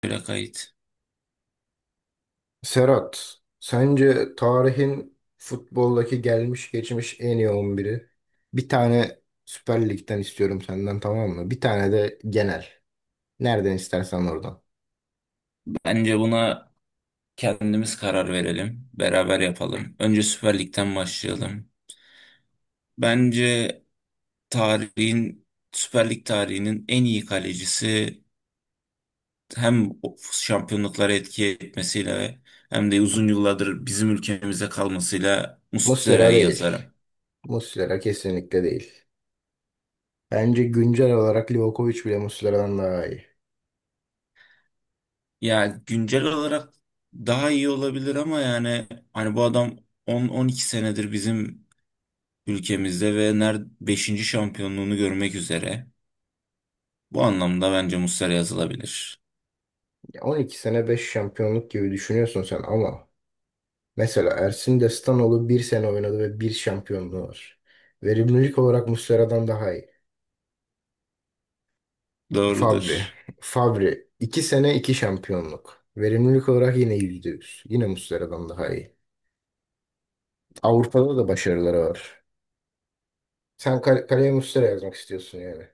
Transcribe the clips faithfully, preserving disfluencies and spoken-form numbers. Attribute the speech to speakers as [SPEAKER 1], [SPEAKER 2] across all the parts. [SPEAKER 1] plakaydı.
[SPEAKER 2] Serhat, sence tarihin futboldaki gelmiş geçmiş en iyi on biri? Bir tane Süper Lig'den istiyorum senden, tamam mı? Bir tane de genel. Nereden istersen oradan.
[SPEAKER 1] Bence buna kendimiz karar verelim. Beraber yapalım. Önce Süper Lig'den başlayalım. Bence tarihin Süper Lig tarihinin en iyi kalecisi hem o şampiyonluklara etki etmesiyle hem de uzun yıllardır bizim ülkemizde kalmasıyla
[SPEAKER 2] Muslera
[SPEAKER 1] Muslera'yı
[SPEAKER 2] değil.
[SPEAKER 1] yazarım.
[SPEAKER 2] Muslera kesinlikle değil. Bence güncel olarak Livakovic bile Muslera'dan daha iyi.
[SPEAKER 1] Ya güncel olarak daha iyi olabilir ama yani hani bu adam on on iki senedir bizim ülkemizde ve ner beşinci şampiyonluğunu görmek üzere. Bu anlamda bence Muslera yazılabilir.
[SPEAKER 2] Ya on iki sene beş şampiyonluk gibi düşünüyorsun sen, ama mesela Ersin Destanoğlu bir sene oynadı ve bir şampiyonluğu var. Verimlilik olarak Muslera'dan daha iyi. Fabri.
[SPEAKER 1] Doğrudur.
[SPEAKER 2] Fabri. iki sene iki şampiyonluk. Verimlilik olarak yine yüzde yüz. Yine Muslera'dan daha iyi. Avrupa'da da başarıları var. Sen kal- kaleye Muslera yazmak istiyorsun yani.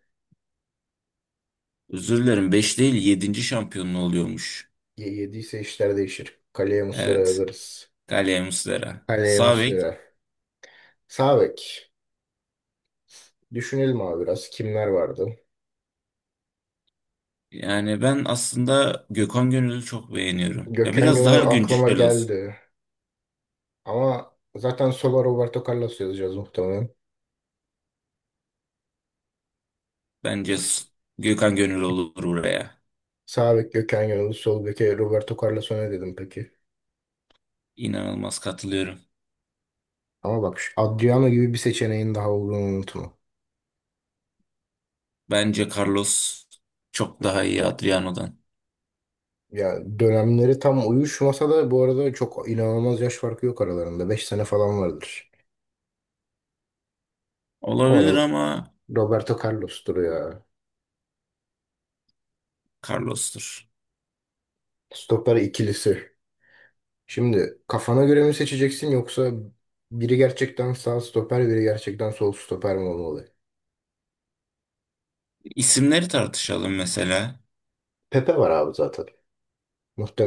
[SPEAKER 1] Özür dilerim, beş değil yedinci şampiyonluğu oluyormuş.
[SPEAKER 2] Ye- yediyse işler değişir. Kaleye Muslera
[SPEAKER 1] Evet.
[SPEAKER 2] yazarız.
[SPEAKER 1] Galia Muslera.
[SPEAKER 2] Kaleye
[SPEAKER 1] Sağ bek.
[SPEAKER 2] Muslera. Sağ bek. Düşünelim abi biraz. Kimler vardı?
[SPEAKER 1] Yani ben aslında Gökhan Gönül'ü çok beğeniyorum. Ya
[SPEAKER 2] Gökhan
[SPEAKER 1] biraz
[SPEAKER 2] Gönül
[SPEAKER 1] daha
[SPEAKER 2] aklıma
[SPEAKER 1] güncel olsun.
[SPEAKER 2] geldi. Ama zaten sola Roberto Carlos yazacağız muhtemelen.
[SPEAKER 1] Bence
[SPEAKER 2] S-
[SPEAKER 1] s- Gökhan Gönül olur buraya.
[SPEAKER 2] Sağ bek Gökhan Gönül, sol beke Roberto Carlos, ne dedim peki?
[SPEAKER 1] İnanılmaz katılıyorum.
[SPEAKER 2] Ama bak şu Adriano gibi bir seçeneğin daha olduğunu unutma.
[SPEAKER 1] Bence Carlos çok daha iyi Adriano'dan.
[SPEAKER 2] Ya dönemleri tam uyuşmasa da bu arada çok inanılmaz yaş farkı yok aralarında. Beş sene falan vardır. Ama
[SPEAKER 1] Olabilir
[SPEAKER 2] Ro-
[SPEAKER 1] ama
[SPEAKER 2] Roberto Carlos'tur ya.
[SPEAKER 1] Carlos'tur.
[SPEAKER 2] Stoper ikilisi. Şimdi kafana göre mi seçeceksin, yoksa biri gerçekten sağ stoper biri gerçekten sol stoper mi olmalı?
[SPEAKER 1] İsimleri tartışalım mesela.
[SPEAKER 2] Pepe var abi zaten.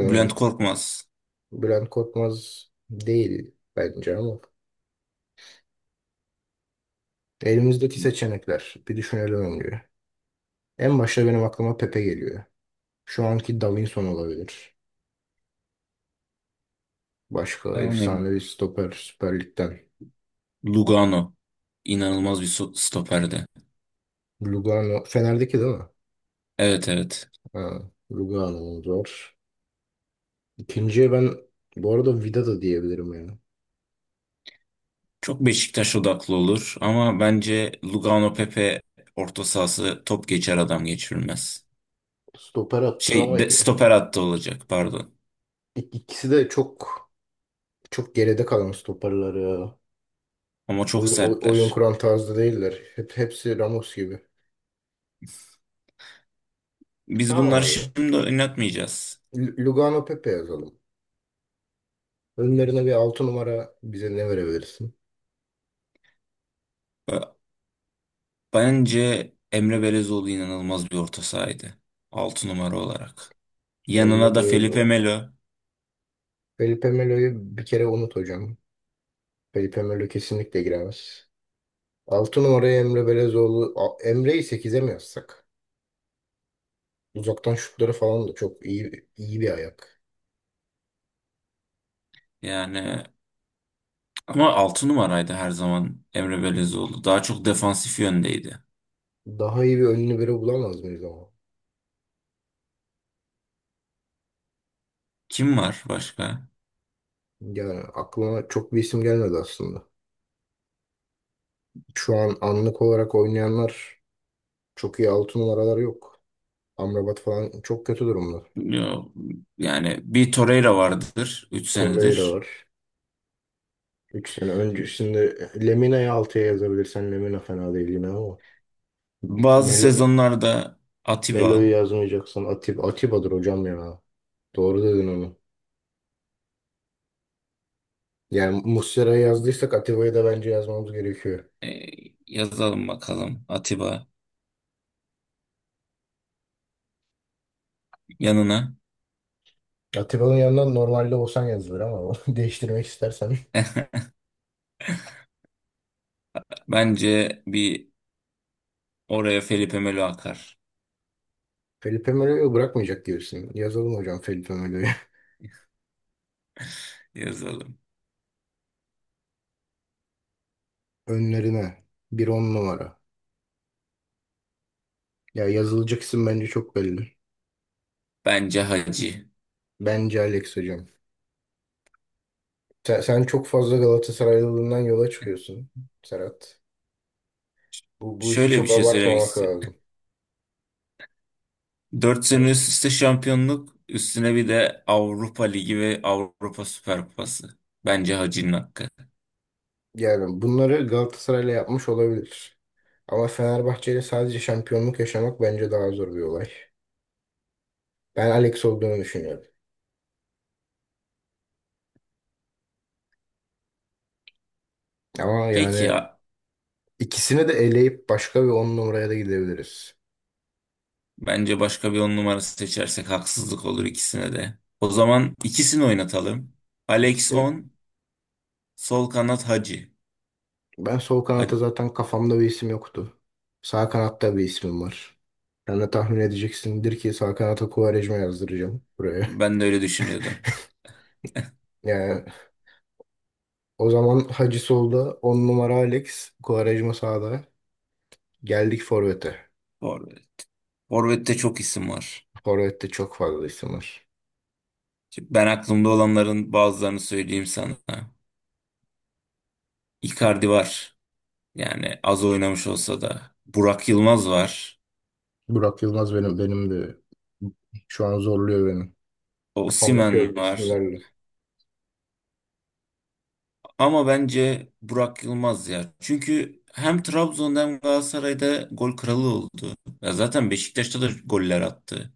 [SPEAKER 1] Bülent Korkmaz.
[SPEAKER 2] Bülent Korkmaz değil bence, ama. Elimizdeki seçenekler bir düşünelim önce. En başta benim aklıma Pepe geliyor. Şu anki Davinson olabilir. Başka
[SPEAKER 1] Yani
[SPEAKER 2] efsanevi stoper Süper Lig'den.
[SPEAKER 1] Lugano. İnanılmaz bir so- stoperdi.
[SPEAKER 2] Lugano. Fener'deki değil mi?
[SPEAKER 1] Evet, evet.
[SPEAKER 2] Ha, Lugano'muz var. İkinciye ben bu arada Vida da diyebilirim yani.
[SPEAKER 1] Çok Beşiktaş odaklı olur ama bence Lugano Pepe orta sahası top geçer adam geçirilmez.
[SPEAKER 2] Stoper attı ama
[SPEAKER 1] Şey de,
[SPEAKER 2] ik-
[SPEAKER 1] stoper hattı olacak, pardon.
[SPEAKER 2] ikisi de çok çok geride kalan stoperler ya.
[SPEAKER 1] Ama çok
[SPEAKER 2] Oyun, oy- oyun
[SPEAKER 1] sertler.
[SPEAKER 2] kuran tarzda değiller. Hep, hepsi Ramos gibi.
[SPEAKER 1] Biz
[SPEAKER 2] Tamam
[SPEAKER 1] bunları
[SPEAKER 2] abi.
[SPEAKER 1] şimdi oynatmayacağız.
[SPEAKER 2] L- Lugano Pepe yazalım. Önlerine bir altı numara bize ne verebilirsin?
[SPEAKER 1] Bence Emre Belezoğlu inanılmaz bir orta sahaydı, altı numara olarak. Yanına
[SPEAKER 2] Emre
[SPEAKER 1] da Felipe
[SPEAKER 2] Belözoğlu.
[SPEAKER 1] Melo.
[SPEAKER 2] Felipe Melo'yu bir kere unut hocam. Kayıp Emirli kesinlikle giremez. altı numaraya Emre Belezoğlu. A- Emre'yi sekize mi yazsak? Uzaktan şutları falan da çok iyi iyi bir ayak.
[SPEAKER 1] Yani ama altı numaraydı her zaman Emre Belezoğlu. Daha çok defansif yöndeydi.
[SPEAKER 2] Daha iyi bir önlü biri bulamaz mıyız ama?
[SPEAKER 1] Kim var başka?
[SPEAKER 2] Yani aklıma çok bir isim gelmedi aslında. Şu an anlık olarak oynayanlar çok iyi altı numaralar yok. Amrabat falan çok kötü durumda.
[SPEAKER 1] Yo, yani bir Torreira vardır üç
[SPEAKER 2] Torreira
[SPEAKER 1] senedir.
[SPEAKER 2] var. üç sene öncesinde Lemina'yı altıya yazabilirsen Lemina fena değil yine ama.
[SPEAKER 1] Bazı
[SPEAKER 2] Melo,
[SPEAKER 1] sezonlarda
[SPEAKER 2] Melo'yu
[SPEAKER 1] Atiba,
[SPEAKER 2] yazmayacaksan Atib, Atiba'dır hocam ya. Doğru dedin onu. Yani Muslera'ya yazdıysak Atiba'ya da bence yazmamız gerekiyor.
[SPEAKER 1] e, yazalım bakalım Atiba yanına.
[SPEAKER 2] Atiba'nın yanından normalde Osan yazılır ama o değiştirmek istersen.
[SPEAKER 1] Bence bir oraya Felipe Melo akar,
[SPEAKER 2] Felipe Melo'yu bırakmayacak diyorsun. Yazalım hocam Felipe Melo'yu.
[SPEAKER 1] yazalım.
[SPEAKER 2] Önlerine. Bir on numara. Ya yazılacak isim bence çok belli.
[SPEAKER 1] Bence Hacı.
[SPEAKER 2] Bence Alex hocam. Sen, sen çok fazla Galatasaraylılığından yola çıkıyorsun Serhat. Bu, bu işi
[SPEAKER 1] Şöyle bir
[SPEAKER 2] çok
[SPEAKER 1] şey söylemek
[SPEAKER 2] abartmamak
[SPEAKER 1] istiyorum.
[SPEAKER 2] lazım.
[SPEAKER 1] Dört sene üst üste şampiyonluk, üstüne bir de Avrupa Ligi ve Avrupa Süper Kupası. Bence Hacı'nın hakkı.
[SPEAKER 2] Yani bunları Galatasaray'la yapmış olabilir. Ama Fenerbahçe'yle sadece şampiyonluk yaşamak bence daha zor bir olay. Ben Alex olduğunu düşünüyorum. Ama
[SPEAKER 1] Peki
[SPEAKER 2] yani
[SPEAKER 1] ya,
[SPEAKER 2] ikisini de eleyip başka bir on numaraya da gidebiliriz.
[SPEAKER 1] bence başka bir on numarası seçersek haksızlık olur ikisine de. O zaman ikisini oynatalım. Alex
[SPEAKER 2] İkisini
[SPEAKER 1] on, sol kanat Hacı.
[SPEAKER 2] ben sol kanatta
[SPEAKER 1] Ha-
[SPEAKER 2] zaten kafamda bir isim yoktu. Sağ kanatta bir ismim var. Sen de tahmin edeceksindir ki sağ kanata Quaresma yazdıracağım buraya.
[SPEAKER 1] Ben de öyle düşünüyordum.
[SPEAKER 2] Yani o zaman Hacı solda, on numara Alex, Quaresma sağda. Geldik Forvet'e.
[SPEAKER 1] Forvet. Forvet'te çok isim var.
[SPEAKER 2] Forvet'te çok fazla isim var.
[SPEAKER 1] Şimdi Ben aklımda olanların bazılarını söyleyeyim sana. Icardi var. Yani az oynamış olsa da. Burak Yılmaz var.
[SPEAKER 2] Burak Yılmaz benim benim de şu an zorluyor beni. Kafamdaki
[SPEAKER 1] Osimhen
[SPEAKER 2] öbür
[SPEAKER 1] var.
[SPEAKER 2] isimlerle.
[SPEAKER 1] Ama bence Burak Yılmaz ya. Çünkü hem Trabzon'da hem Galatasaray'da gol kralı oldu. Ya zaten Beşiktaş'ta da goller attı.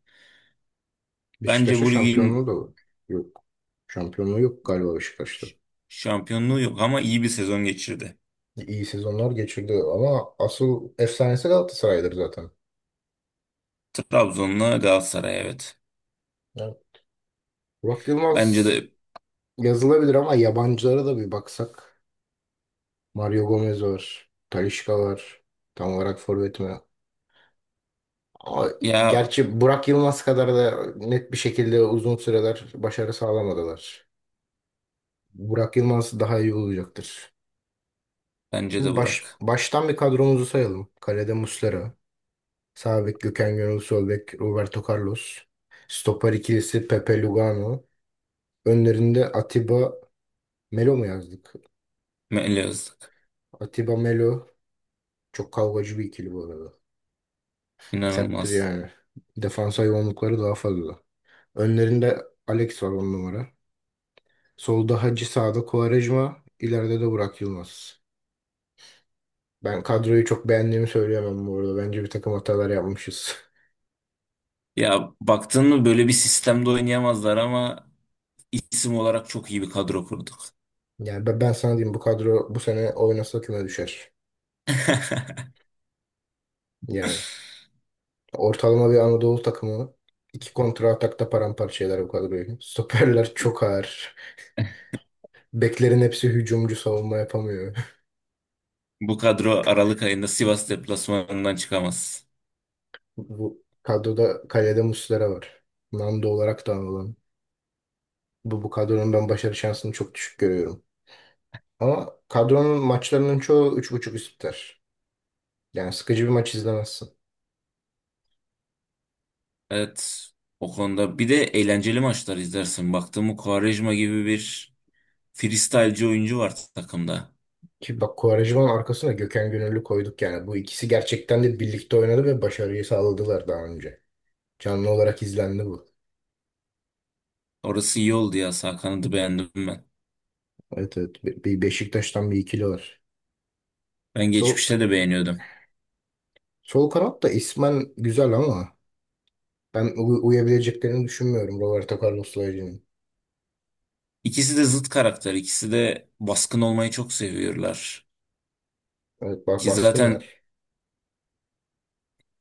[SPEAKER 1] Bence
[SPEAKER 2] Beşiktaş'ta
[SPEAKER 1] bu
[SPEAKER 2] şampiyonluğu
[SPEAKER 1] ligin
[SPEAKER 2] da yok. Şampiyonluğu yok galiba Beşiktaş'ta.
[SPEAKER 1] şampiyonluğu yok ama iyi bir sezon geçirdi.
[SPEAKER 2] İyi sezonlar geçirdi ama asıl efsanesi Galatasaray'dır zaten.
[SPEAKER 1] Trabzon'la Galatasaray, evet.
[SPEAKER 2] Yani Burak
[SPEAKER 1] Bence
[SPEAKER 2] Yılmaz
[SPEAKER 1] de
[SPEAKER 2] yazılabilir ama yabancılara da bir baksak. Mario Gomez var. Talisca var. Tam olarak forvet mi? Ama
[SPEAKER 1] ya
[SPEAKER 2] gerçi Burak Yılmaz kadar da net bir şekilde uzun süreler başarı sağlamadılar. Burak Yılmaz daha iyi olacaktır.
[SPEAKER 1] bence de
[SPEAKER 2] Şimdi baş,
[SPEAKER 1] Burak.
[SPEAKER 2] baştan bir kadromuzu sayalım. Kalede Muslera. Sağ bek Gökhan Gönül, sol bek Roberto Carlos. Stoper ikilisi Pepe Lugano. Önlerinde Atiba Melo mu yazdık?
[SPEAKER 1] Meli Öztürk.
[SPEAKER 2] Atiba Melo çok kavgacı bir ikili bu arada. Serttir
[SPEAKER 1] İnanılmaz.
[SPEAKER 2] yani. Defans hayvanlıkları daha fazla. Önlerinde Alex var on numara. Solda Hacı, sağda Quaresma, ileride de Burak Yılmaz. Ben kadroyu çok beğendiğimi söyleyemem bu arada. Bence bir takım hatalar yapmışız.
[SPEAKER 1] Ya baktın mı, böyle bir sistemde oynayamazlar ama isim olarak çok iyi bir kadro kurduk.
[SPEAKER 2] Yani ben, ben sana diyeyim bu kadro bu sene oynasa küme düşer. Yani. Ortalama bir Anadolu takımı iki kontra atakta paramparça eder bu kadroyu. Stoperler çok ağır. Beklerin hepsi hücumcu, savunma yapamıyor.
[SPEAKER 1] Bu kadro Aralık ayında Sivas deplasmanından çıkamaz.
[SPEAKER 2] Bu kadroda kalede Muslera var. Nando olarak da anılan. Bu, bu kadronun ben başarı şansını çok düşük görüyorum. Ama kadronun maçlarının çoğu üç buçuk üst biter. Yani sıkıcı bir maç izlemezsin.
[SPEAKER 1] Evet, o konuda bir de eğlenceli maçlar izlersin. Baktım Quaresma gibi bir freestyle'ci oyuncu var takımda.
[SPEAKER 2] Ki bak Quaresma'nın arkasına Gökhan Gönüllü koyduk yani. Bu ikisi gerçekten de birlikte oynadı ve başarıyı sağladılar daha önce. Canlı olarak izlendi bu.
[SPEAKER 1] Orası iyi oldu ya, sağ kanadı beğendim ben.
[SPEAKER 2] Evet, evet. Be- Bir Beşiktaş'tan bir ikili var.
[SPEAKER 1] Ben
[SPEAKER 2] Sol,
[SPEAKER 1] geçmişte de beğeniyordum.
[SPEAKER 2] Sol kanat da ismen güzel ama ben u- uyabileceklerini düşünmüyorum Roberto Carlos'la Hacı'nın.
[SPEAKER 1] İkisi de zıt karakter. İkisi de baskın olmayı çok seviyorlar.
[SPEAKER 2] Evet, bak
[SPEAKER 1] Ki zaten
[SPEAKER 2] baskınlar.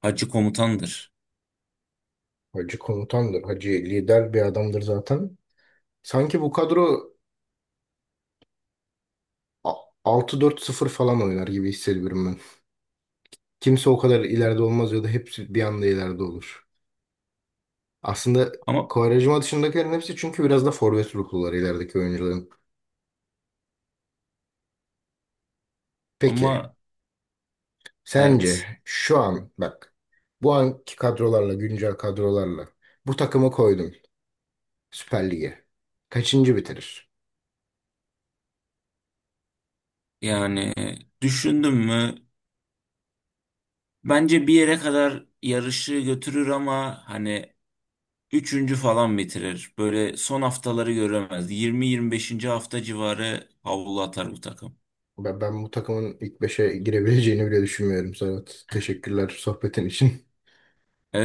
[SPEAKER 1] Hacı komutandır.
[SPEAKER 2] Hacı komutandır. Hacı lider bir adamdır zaten. Sanki bu kadro a- altı dört-sıfır falan oynar gibi hissediyorum ben. Kimse o kadar ileride olmaz ya da hepsi bir anda ileride olur. Aslında
[SPEAKER 1] Ama
[SPEAKER 2] Quaresma dışındakilerin hepsi çünkü biraz da forvet ruhlular ilerideki oyuncuların. Peki.
[SPEAKER 1] ama evet,
[SPEAKER 2] Sence şu an bak bu anki kadrolarla güncel kadrolarla bu takımı koydun Süper Lig'e. Kaçıncı bitirir?
[SPEAKER 1] yani düşündüm mü, bence bir yere kadar yarışı götürür ama hani üçüncü falan bitirir. Böyle son haftaları göremez. Yirmi yirmi beşinci hafta civarı havlu atar bu takım.
[SPEAKER 2] Ben, ben bu takımın ilk beşe girebileceğini bile düşünmüyorum. Serhat teşekkürler sohbetin için.